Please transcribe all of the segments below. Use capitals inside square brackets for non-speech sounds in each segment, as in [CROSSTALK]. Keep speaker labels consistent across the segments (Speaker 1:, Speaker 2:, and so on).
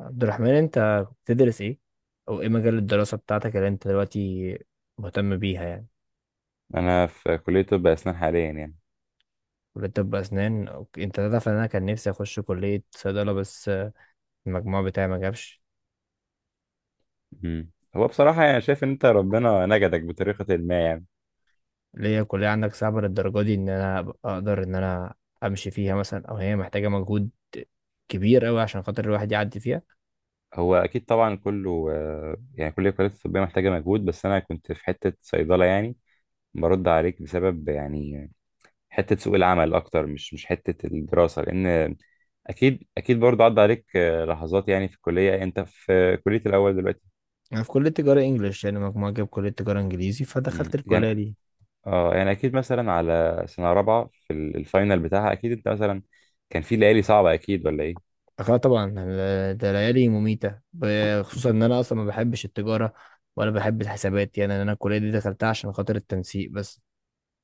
Speaker 1: عبد الرحمن، انت بتدرس ايه؟ او ايه مجال الدراسة بتاعتك اللي انت دلوقتي مهتم بيها يعني؟
Speaker 2: انا في كلية طب اسنان حاليا يعني.
Speaker 1: كلية طب اسنان، اوكي، انت تعرف ان انا كان نفسي اخش كلية صيدلة بس المجموع بتاعي ما جابش.
Speaker 2: مم. هو بصراحة يعني شايف ان انت ربنا نجدك بطريقة ما يعني.
Speaker 1: ليه الكلية عندك صعبة للدرجة دي ان انا أبقى اقدر ان انا امشي فيها مثلا، او هي محتاجة مجهود كبير قوي عشان خاطر الواحد يعدي فيها؟
Speaker 2: هو اكيد طبعا كله يعني كل الكليات الطبية محتاجة مجهود، بس انا كنت في حتة صيدلة يعني برد عليك بسبب يعني حتة سوق العمل اكتر، مش حتة الدراسة، لان اكيد اكيد برضه عدى عليك لحظات يعني في الكلية. انت في كلية الاول دلوقتي؟
Speaker 1: انا في كلية تجارة انجليش، يعني مجموعة جاب كلية تجارة انجليزي فدخلت
Speaker 2: يعني
Speaker 1: الكلية دي.
Speaker 2: اه يعني اكيد مثلا على سنة رابعة في الفاينل بتاعها، اكيد انت مثلا كان في ليالي صعبة، اكيد ولا ايه؟
Speaker 1: اه طبعا، ده ليالي مميتة خصوصا ان انا اصلا ما بحبش التجارة ولا بحب الحسابات، يعني انا الكلية دي دخلتها عشان خاطر التنسيق بس.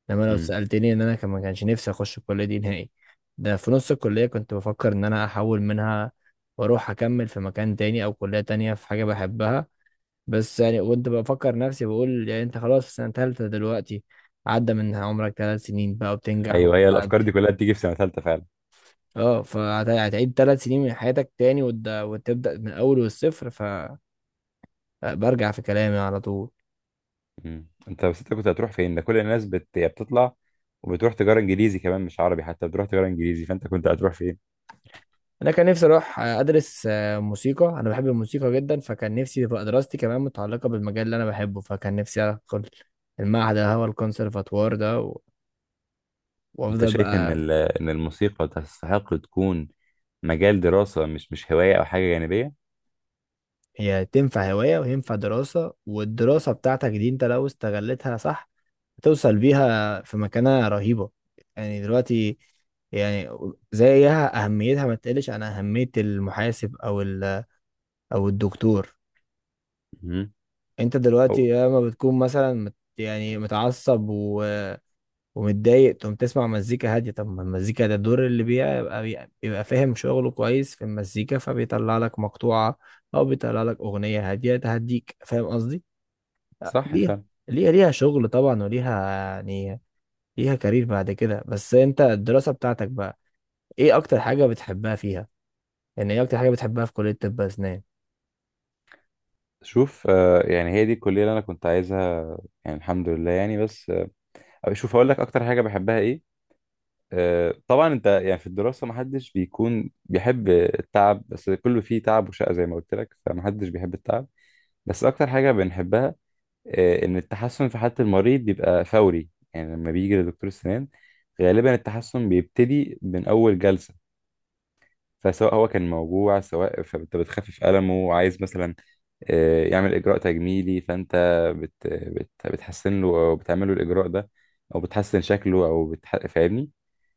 Speaker 1: انما لو سألتني ان انا كان ما كانش نفسي اخش الكلية دي نهائي. ده في نص الكلية كنت بفكر ان انا احول منها واروح اكمل في مكان تاني او كلية تانية في حاجة بحبها. بس يعني كنت بفكر نفسي بقول يعني انت خلاص في سنة تالتة دلوقتي، عدى من عمرك 3 سنين بقى وبتنجح
Speaker 2: ايوه، هي الافكار دي
Speaker 1: وبتعدي.
Speaker 2: كلها بتيجي في سنه ثالثه فعلا.
Speaker 1: اه، فهتعيد 3 سنين من حياتك تاني وتبدأ من الأول والصفر، فبرجع في كلامي على طول.
Speaker 2: انت بس انت كنت هتروح فين؟ ده كل الناس هي بتطلع وبتروح تجاره انجليزي كمان، مش عربي، حتى بتروح تجاره انجليزي، فانت كنت هتروح فين؟
Speaker 1: أنا كان نفسي أروح أدرس موسيقى. أنا بحب الموسيقى جدا، فكان نفسي تبقى دراستي كمان متعلقة بالمجال اللي أنا بحبه، فكان نفسي أدخل المعهد اللي هو الكونسرفاتوار ده
Speaker 2: انت
Speaker 1: وأفضل
Speaker 2: شايف ان
Speaker 1: بقى.
Speaker 2: ان الموسيقى تستحق تكون مجال دراسه، مش هوايه او حاجه جانبيه؟
Speaker 1: هي تنفع هواية وينفع دراسة، والدراسة بتاعتك دي أنت لو استغلتها صح هتوصل بيها في مكانة رهيبة. يعني دلوقتي يعني، زيها أهميتها ما تقلش عن أهمية المحاسب أو الدكتور.
Speaker 2: مم.
Speaker 1: أنت
Speaker 2: أو...
Speaker 1: دلوقتي لما بتكون مثلا يعني متعصب و ومتضايق تقوم تسمع مزيكا هادية. طب ما المزيكا ده الدور اللي بيبقى فاهم شغله كويس في المزيكا، فبيطلع لك مقطوعة أو بيطلع لك أغنية هادية تهديك، فاهم قصدي؟
Speaker 2: صح
Speaker 1: ليها
Speaker 2: فعلا.
Speaker 1: ليها شغل طبعا، وليها يعني ليها كارير بعد كده. بس انت الدراسة بتاعتك بقى، ايه اكتر حاجة بتحبها فيها؟ يعني ايه اكتر حاجة بتحبها في كلية طب اسنان؟
Speaker 2: شوف يعني هي دي الكليه اللي انا كنت عايزها يعني، الحمد لله يعني. بس شوف اقول لك اكتر حاجه بحبها ايه. طبعا انت يعني في الدراسة محدش بيكون بيحب التعب، بس كله فيه تعب وشقة زي ما قلت لك، فمحدش بيحب التعب، بس اكتر حاجة بنحبها ان التحسن في حالة المريض بيبقى فوري. يعني لما بيجي لدكتور السنان غالبا التحسن بيبتدي من اول جلسة، فسواء هو كان موجوع، سواء، فانت بتخفف ألمه، وعايز مثلا يعمل إجراء تجميلي، فانت بت بت بتحسن له او بتعمل له الإجراء ده، او بتحسن شكله او فاهمني.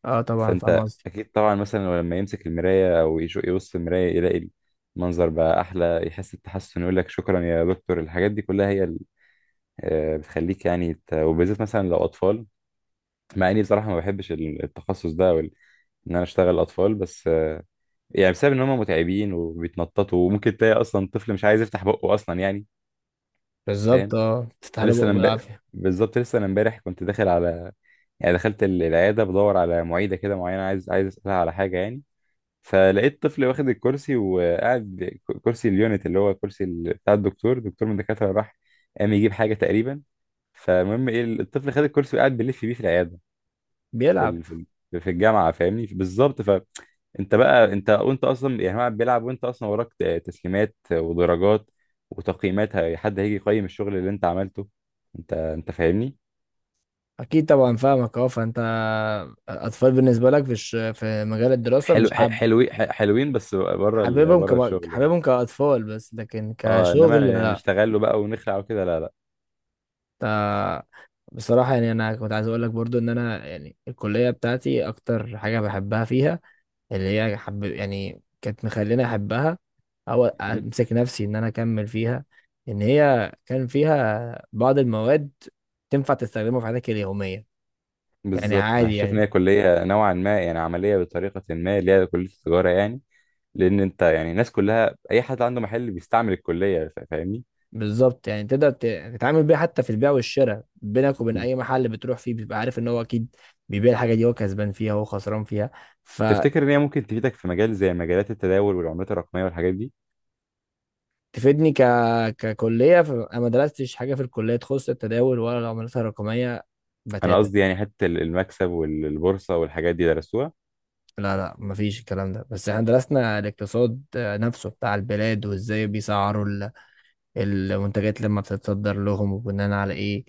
Speaker 1: اه طبعا فاهم
Speaker 2: فانت
Speaker 1: قصدي.
Speaker 2: اكيد طبعا مثلا لما يمسك المرايه او يبص في المرايه، يلاقي المنظر بقى احلى، يحس بتحسن، يقول لك شكرا يا دكتور. الحاجات دي كلها هي بتخليك يعني وبالذات مثلا لو اطفال، مع اني بصراحه ما بحبش التخصص ده او ان انا اشتغل اطفال، بس يعني بسبب ان هم متعبين وبيتنططوا، وممكن تلاقي اصلا طفل مش عايز يفتح بقه اصلا يعني.
Speaker 1: بالظبط،
Speaker 2: فاهم.
Speaker 1: اه، تستاهل
Speaker 2: لسه
Speaker 1: بقه
Speaker 2: انا امب-
Speaker 1: بالعافية.
Speaker 2: بالظبط لسه انا امبارح كنت داخل على، يعني دخلت العياده بدور على معيده كده معينه، عايز اسالها على حاجه يعني، فلقيت طفل واخد الكرسي وقاعد ب- كرسي اليونت، اللي هو كرسي بتاع الدكتور. دكتور من الدكاترة راح قام يجيب حاجة تقريبا، فالمهم ايه، الطفل خد الكرسي وقاعد بيلف بيه في العيادة،
Speaker 1: [LAUGHS]
Speaker 2: في
Speaker 1: بيلعب.
Speaker 2: في الجامعة. فاهمني بالظبط. فانت بقى، انت وانت اصلا يعني هو بيلعب، وانت اصلا وراك تسليمات ودرجات وتقييمات، حد هيجي يقيم الشغل اللي انت عملته. انت فاهمني.
Speaker 1: اكيد طبعا فاهمك. اه، فانت اطفال بالنسبة لك في مجال الدراسة مش حابب؟
Speaker 2: حلوين، حلوين، بس بره بره الشغل يعني.
Speaker 1: حاببهم كاطفال، بس لكن
Speaker 2: اه،
Speaker 1: كشغل؟
Speaker 2: انما نشتغل له بقى ونخلع وكده لا.
Speaker 1: آه، بصراحة يعني انا كنت عايز اقول لك برضو ان انا يعني الكلية بتاعتي اكتر حاجة بحبها فيها اللي هي حب، يعني كانت مخليني احبها او
Speaker 2: لا،
Speaker 1: امسك نفسي ان انا اكمل فيها، ان هي كان فيها بعض المواد تنفع تستخدمها في حياتك اليوميه. يعني
Speaker 2: بالظبط، انا
Speaker 1: عادي
Speaker 2: شايف ان
Speaker 1: يعني.
Speaker 2: هي كليه نوعا ما يعني عمليه بطريقه ما، اللي هي كليه التجاره يعني، لان انت يعني الناس كلها اي حد عنده محل بيستعمل الكليه، فاهمني.
Speaker 1: بالظبط، يعني تقدر تتعامل بيها حتى في البيع والشراء، بينك وبين
Speaker 2: مم.
Speaker 1: اي محل بتروح فيه بيبقى عارف ان هو اكيد بيبيع الحاجه دي، هو كسبان فيها هو خسران فيها.
Speaker 2: تفتكر ان هي ممكن تفيدك في مجال زي مجالات التداول والعملات الرقميه والحاجات دي؟
Speaker 1: فتفيدني ككليه. فانا ما درستش حاجه في الكليه تخص التداول ولا العملات الرقميه
Speaker 2: انا
Speaker 1: بتاتا.
Speaker 2: قصدي يعني حتى المكسب والبورصه والحاجات دي درسوها؟
Speaker 1: لا، لا، مفيش الكلام ده. بس احنا درسنا الاقتصاد نفسه بتاع البلاد وازاي بيسعروا المنتجات لما بتتصدر لهم وبناء على ايه.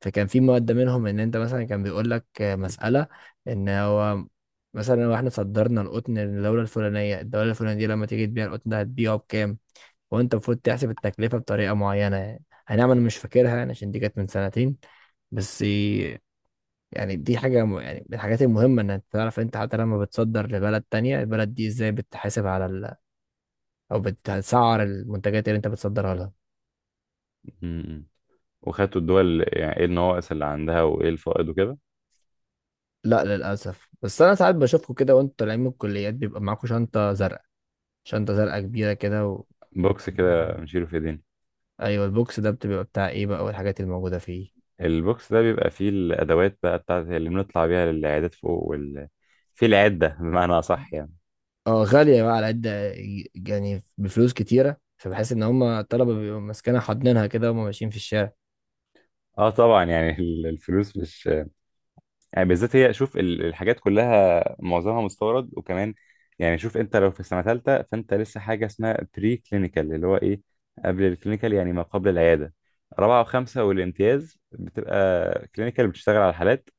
Speaker 1: فكان في مادة منهم ان انت مثلا كان بيقول لك مسألة، ان هو مثلا لو احنا صدرنا القطن للدولة الفلانية، الدولة الفلانية دي لما تيجي تبيع القطن ده هتبيعه بكام؟ وانت المفروض تحسب التكلفة بطريقة معينة، يعني هنعمل مش فاكرها يعني، عشان دي كانت من سنتين بس. يعني دي حاجة يعني من الحاجات المهمة إنك تعرف أنت حتى لما بتصدر لبلد تانية، البلد دي إزاي بتحاسب على أو بتسعر المنتجات اللي أنت بتصدرها لها.
Speaker 2: مم. وخدتوا الدول يعني ايه النواقص اللي عندها وايه الفائض وكده؟
Speaker 1: لا للأسف. بس أنا ساعات بشوفكم كده وأنتوا طالعين من الكليات بيبقى معاكم شنطة زرقاء كبيرة كده، و...
Speaker 2: بوكس كده بنشيله في ايدينا.
Speaker 1: أيوة البوكس ده بتبقى بتاع إيه بقى والحاجات الموجودة فيه؟
Speaker 2: البوكس ده بيبقى فيه الادوات بقى بتاعت اللي بنطلع بيها للعيادات فوق، وال، في العدة بمعنى أصح يعني.
Speaker 1: أه، غالية بقى على قد يعني بفلوس كتيرة، فبحس إن هما الطلبة بيبقوا ماسكينها حاضنينها كده وهما ماشيين في الشارع.
Speaker 2: اه طبعا يعني [LAUGHS] الفلوس مش يعني، بالذات هي شوف الحاجات كلها معظمها مستورد، وكمان يعني شوف، انت لو في سنه ثالثه، فانت لسه حاجه اسمها بري كلينيكال، اللي هو ايه، قبل الكلينيكال، يعني ما قبل العياده. رابعه وخمسه والامتياز بتبقى كلينيكال، بتشتغل على الحالات،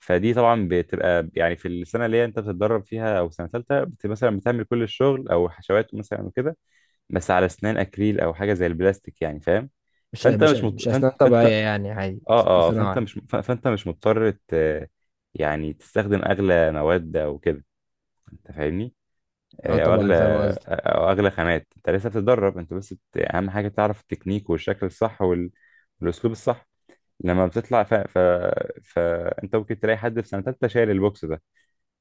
Speaker 2: فدي طبعا بتبقى يعني في السنه اللي هي انت بتتدرب فيها، او سنه ثالثه بت مثلا بتعمل كل الشغل او حشوات مثلا وكده، بس على اسنان اكريل او حاجه زي البلاستيك يعني. فاهم،
Speaker 1: مش
Speaker 2: فانت
Speaker 1: مش
Speaker 2: مش
Speaker 1: مش
Speaker 2: مط...
Speaker 1: أسنان
Speaker 2: فانت
Speaker 1: طبيعية،
Speaker 2: فانت
Speaker 1: يعني عادي أسنان
Speaker 2: اه اه،
Speaker 1: صناعي.
Speaker 2: فانت مش مضطر يعني تستخدم اغلى مواد او كده، انت فاهمني.
Speaker 1: اه
Speaker 2: او
Speaker 1: طبعا
Speaker 2: اغلى،
Speaker 1: فاهم قصدي.
Speaker 2: او اغلى خامات، انت لسه بتتدرب، انت بس اهم حاجه تعرف التكنيك والشكل الصح والاسلوب الصح. لما بتطلع فانت ممكن تلاقي حد في سنه تالته شايل البوكس ده،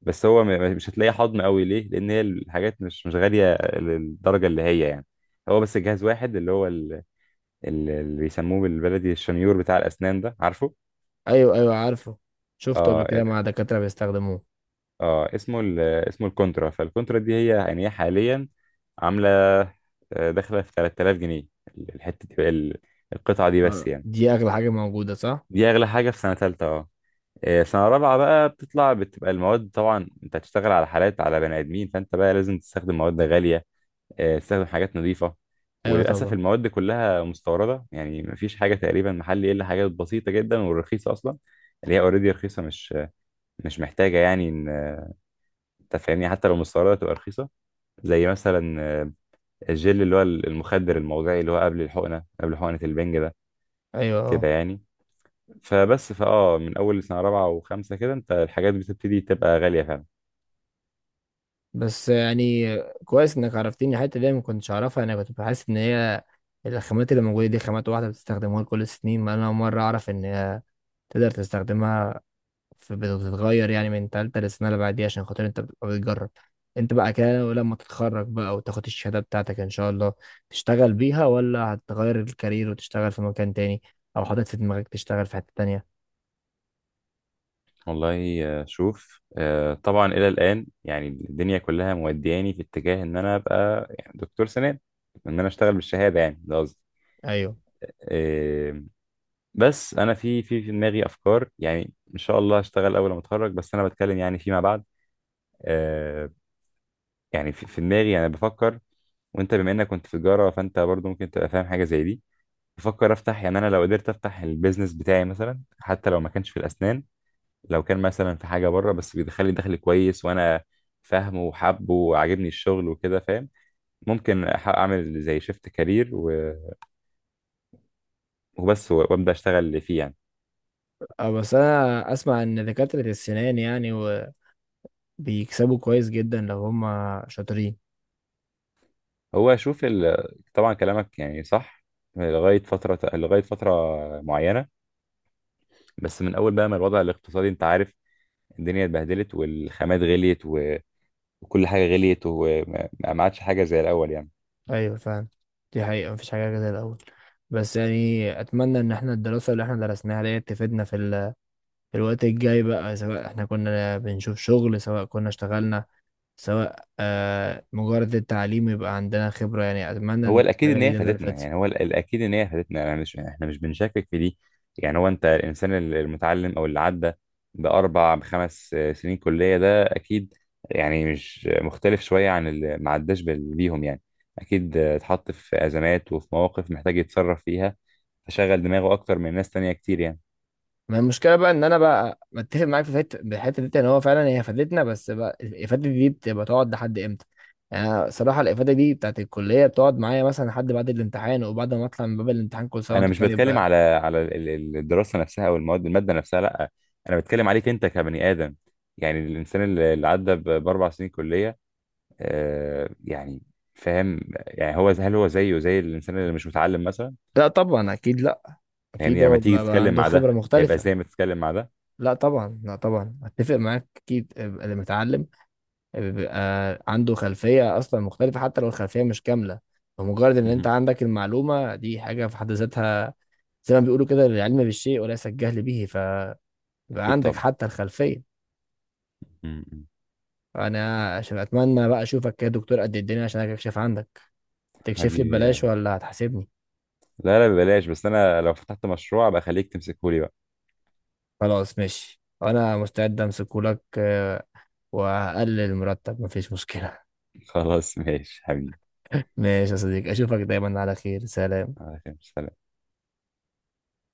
Speaker 2: بس مش هتلاقيه حضن قوي ليه، لان هي الحاجات مش غاليه للدرجه اللي هي يعني. هو بس جهاز واحد، اللي هو اللي بيسموه بالبلدي الشنيور بتاع الاسنان ده. عارفه؟
Speaker 1: ايوه، ايوه، عارفه. شفته قبل
Speaker 2: اه.
Speaker 1: كده مع دكاترة بيستخدموه.
Speaker 2: اه، اسمه الكونترا، فالكونترا دي هي يعني هي حاليا عامله داخله في 3,000 جنيه. الحته دي بقى القطعه دي بس يعني.
Speaker 1: دي اغلى حاجة موجودة صح؟
Speaker 2: دي اغلى حاجه في سنه ثالثه، اه. سنه رابعه بقى بتطلع بتبقى المواد، طبعا انت هتشتغل على حالات على بني ادمين، فانت بقى لازم تستخدم مواد غاليه، تستخدم حاجات نظيفه،
Speaker 1: ايوه
Speaker 2: وللاسف
Speaker 1: طبعا.
Speaker 2: المواد دي كلها مستورده، يعني مفيش حاجه تقريبا محلي، الا حاجات بسيطه جدا والرخيصه اصلا، اللي هي اوريدي رخيصه مش محتاجه يعني ان، انت فاهمني، حتى لو مستورده تبقى رخيصه، زي مثلا الجل اللي هو المخدر الموضعي اللي هو قبل الحقنه، قبل حقنه البنج ده
Speaker 1: ايوه،
Speaker 2: كده
Speaker 1: اه.
Speaker 2: يعني. فبس فاه من اول سنه رابعه وخمسه كده انت الحاجات بتبتدي تبقى غاليه فعلا.
Speaker 1: بس يعني كويس انك عرفتيني الحتة دي، أنا ما كنتش اعرفها. انا كنت بحس ان هي الخامات اللي موجودة دي خامات واحدة بتستخدموها لكل السنين، ما انا اول مرة اعرف ان هي تقدر تستخدمها فبتتغير يعني من تالتة للسنة اللي بعديها عشان خاطر انت بتبقى بتجرب. انت بقى كده ولما تتخرج بقى وتاخد الشهادة بتاعتك ان شاء الله، تشتغل بيها ولا هتغير الكارير وتشتغل في مكان تاني، او حاطط في دماغك تشتغل في حتة تانية؟
Speaker 2: والله شوف، طبعا الى الان يعني الدنيا كلها مودياني في اتجاه ان انا ابقى يعني دكتور سنان، ان انا اشتغل بالشهاده يعني، ده قصدي.
Speaker 1: ايوه.
Speaker 2: آه، بس انا في في دماغي افكار، يعني ان شاء الله هشتغل اول ما اتخرج، بس انا بتكلم يعني فيما بعد. آه، يعني في دماغي انا بفكر، وانت بما انك كنت في تجاره فانت برضو ممكن تبقى فاهم حاجه زي دي. بفكر افتح يعني، انا لو قدرت افتح البيزنس بتاعي مثلا، حتى لو ما كانش في الاسنان، لو كان مثلا في حاجه بره بس بيدخل لي دخل كويس، وانا فاهمه وحابه وعاجبني الشغل وكده، فاهم، ممكن اعمل زي شيفت كارير، و... وبس وابدا اشتغل فيه يعني.
Speaker 1: اه، بس انا اسمع ان دكاترة السنان يعني بيكسبوا كويس جدا لو هم شاطرين.
Speaker 2: هو اشوف ال... طبعا كلامك يعني صح لغايه فتره معينه، بس من اول بقى ما الوضع الاقتصادي، انت عارف الدنيا اتبهدلت والخامات غليت وكل حاجه غليت، وما ما عادش حاجه زي الاول يعني.
Speaker 1: ايوه فعلا. دي حقيقة مفيش حاجة زي الاول. بس يعني اتمنى ان احنا الدراسة اللي احنا درسناها ديت تفيدنا في الوقت الجاي بقى، سواء احنا كنا بنشوف شغل، سواء كنا اشتغلنا، سواء مجرد التعليم يبقى عندنا خبرة، يعني أتمنى
Speaker 2: هو
Speaker 1: إن
Speaker 2: الاكيد
Speaker 1: الحاجة
Speaker 2: ان هي
Speaker 1: دي تفضل
Speaker 2: فادتنا
Speaker 1: فاتت.
Speaker 2: يعني، هو الاكيد ان هي فادتنا، انا مش يعني، احنا مش بنشكك في دي. يعني هو، انت الانسان المتعلم، او اللي عدى باربع بخمس سنين كليه، ده اكيد يعني مش مختلف شويه عن اللي ما عداش بيهم يعني، اكيد اتحط في ازمات وفي مواقف محتاج يتصرف فيها، فشغل دماغه اكتر من ناس تانية كتير يعني.
Speaker 1: ما المشكلة بقى إن أنا بقى متفق معاك في الحتة دي إن هو فعلا هي فادتنا، بس بقى الإفادة دي بتبقى تقعد لحد إمتى؟ يعني أنا صراحة الإفادة دي بتاعت الكلية بتقعد معايا مثلا لحد بعد الامتحان، وبعد ما أطلع من باب الامتحان كل سنة
Speaker 2: انا
Speaker 1: وأنت
Speaker 2: مش
Speaker 1: طيب
Speaker 2: بتكلم
Speaker 1: بقى.
Speaker 2: على الدراسه نفسها او الماده نفسها، لا، انا بتكلم عليك انت كبني ادم، يعني الانسان اللي عدى باربع سنين كليه يعني، فاهم. يعني هو، هل هو زيه زي الانسان اللي مش متعلم مثلا؟
Speaker 1: لا طبعا، أكيد لا. أكيد
Speaker 2: يعني لما
Speaker 1: هو
Speaker 2: تيجي
Speaker 1: بقى
Speaker 2: تتكلم
Speaker 1: عنده
Speaker 2: مع ده،
Speaker 1: خبرة
Speaker 2: هيبقى
Speaker 1: مختلفة.
Speaker 2: زي ما تتكلم مع ده؟
Speaker 1: لا طبعا، لا طبعا، أتفق معاك. أكيد اللي متعلم بيبقى عنده خلفية أصلا مختلفة حتى لو الخلفية مش كاملة، فمجرد إن أنت
Speaker 2: مهم.
Speaker 1: عندك المعلومة دي حاجة في حد ذاتها. زي ما بيقولوا كده: العلم بالشيء وليس الجهل به، فيبقى
Speaker 2: اكيد
Speaker 1: عندك
Speaker 2: طبعا.
Speaker 1: حتى الخلفية.
Speaker 2: مهم.
Speaker 1: أنا عشان أتمنى بقى أشوفك كده دكتور قد الدنيا عشان أكشف عندك. هتكشف لي
Speaker 2: حبيبي يا
Speaker 1: ببلاش
Speaker 2: بي.
Speaker 1: ولا هتحاسبني؟
Speaker 2: لا لا، ببلاش، بس انا لو فتحت مشروع ابقى خليك تمسكه لي بقى.
Speaker 1: خلاص ماشي، أنا مستعد أمسكهولك وهقلل المرتب مفيش مشكلة.
Speaker 2: [LAUGHS] خلاص ماشي حبيبي.
Speaker 1: ماشي يا صديقي، أشوفك دايما على خير. سلام.
Speaker 2: على خير. سلام.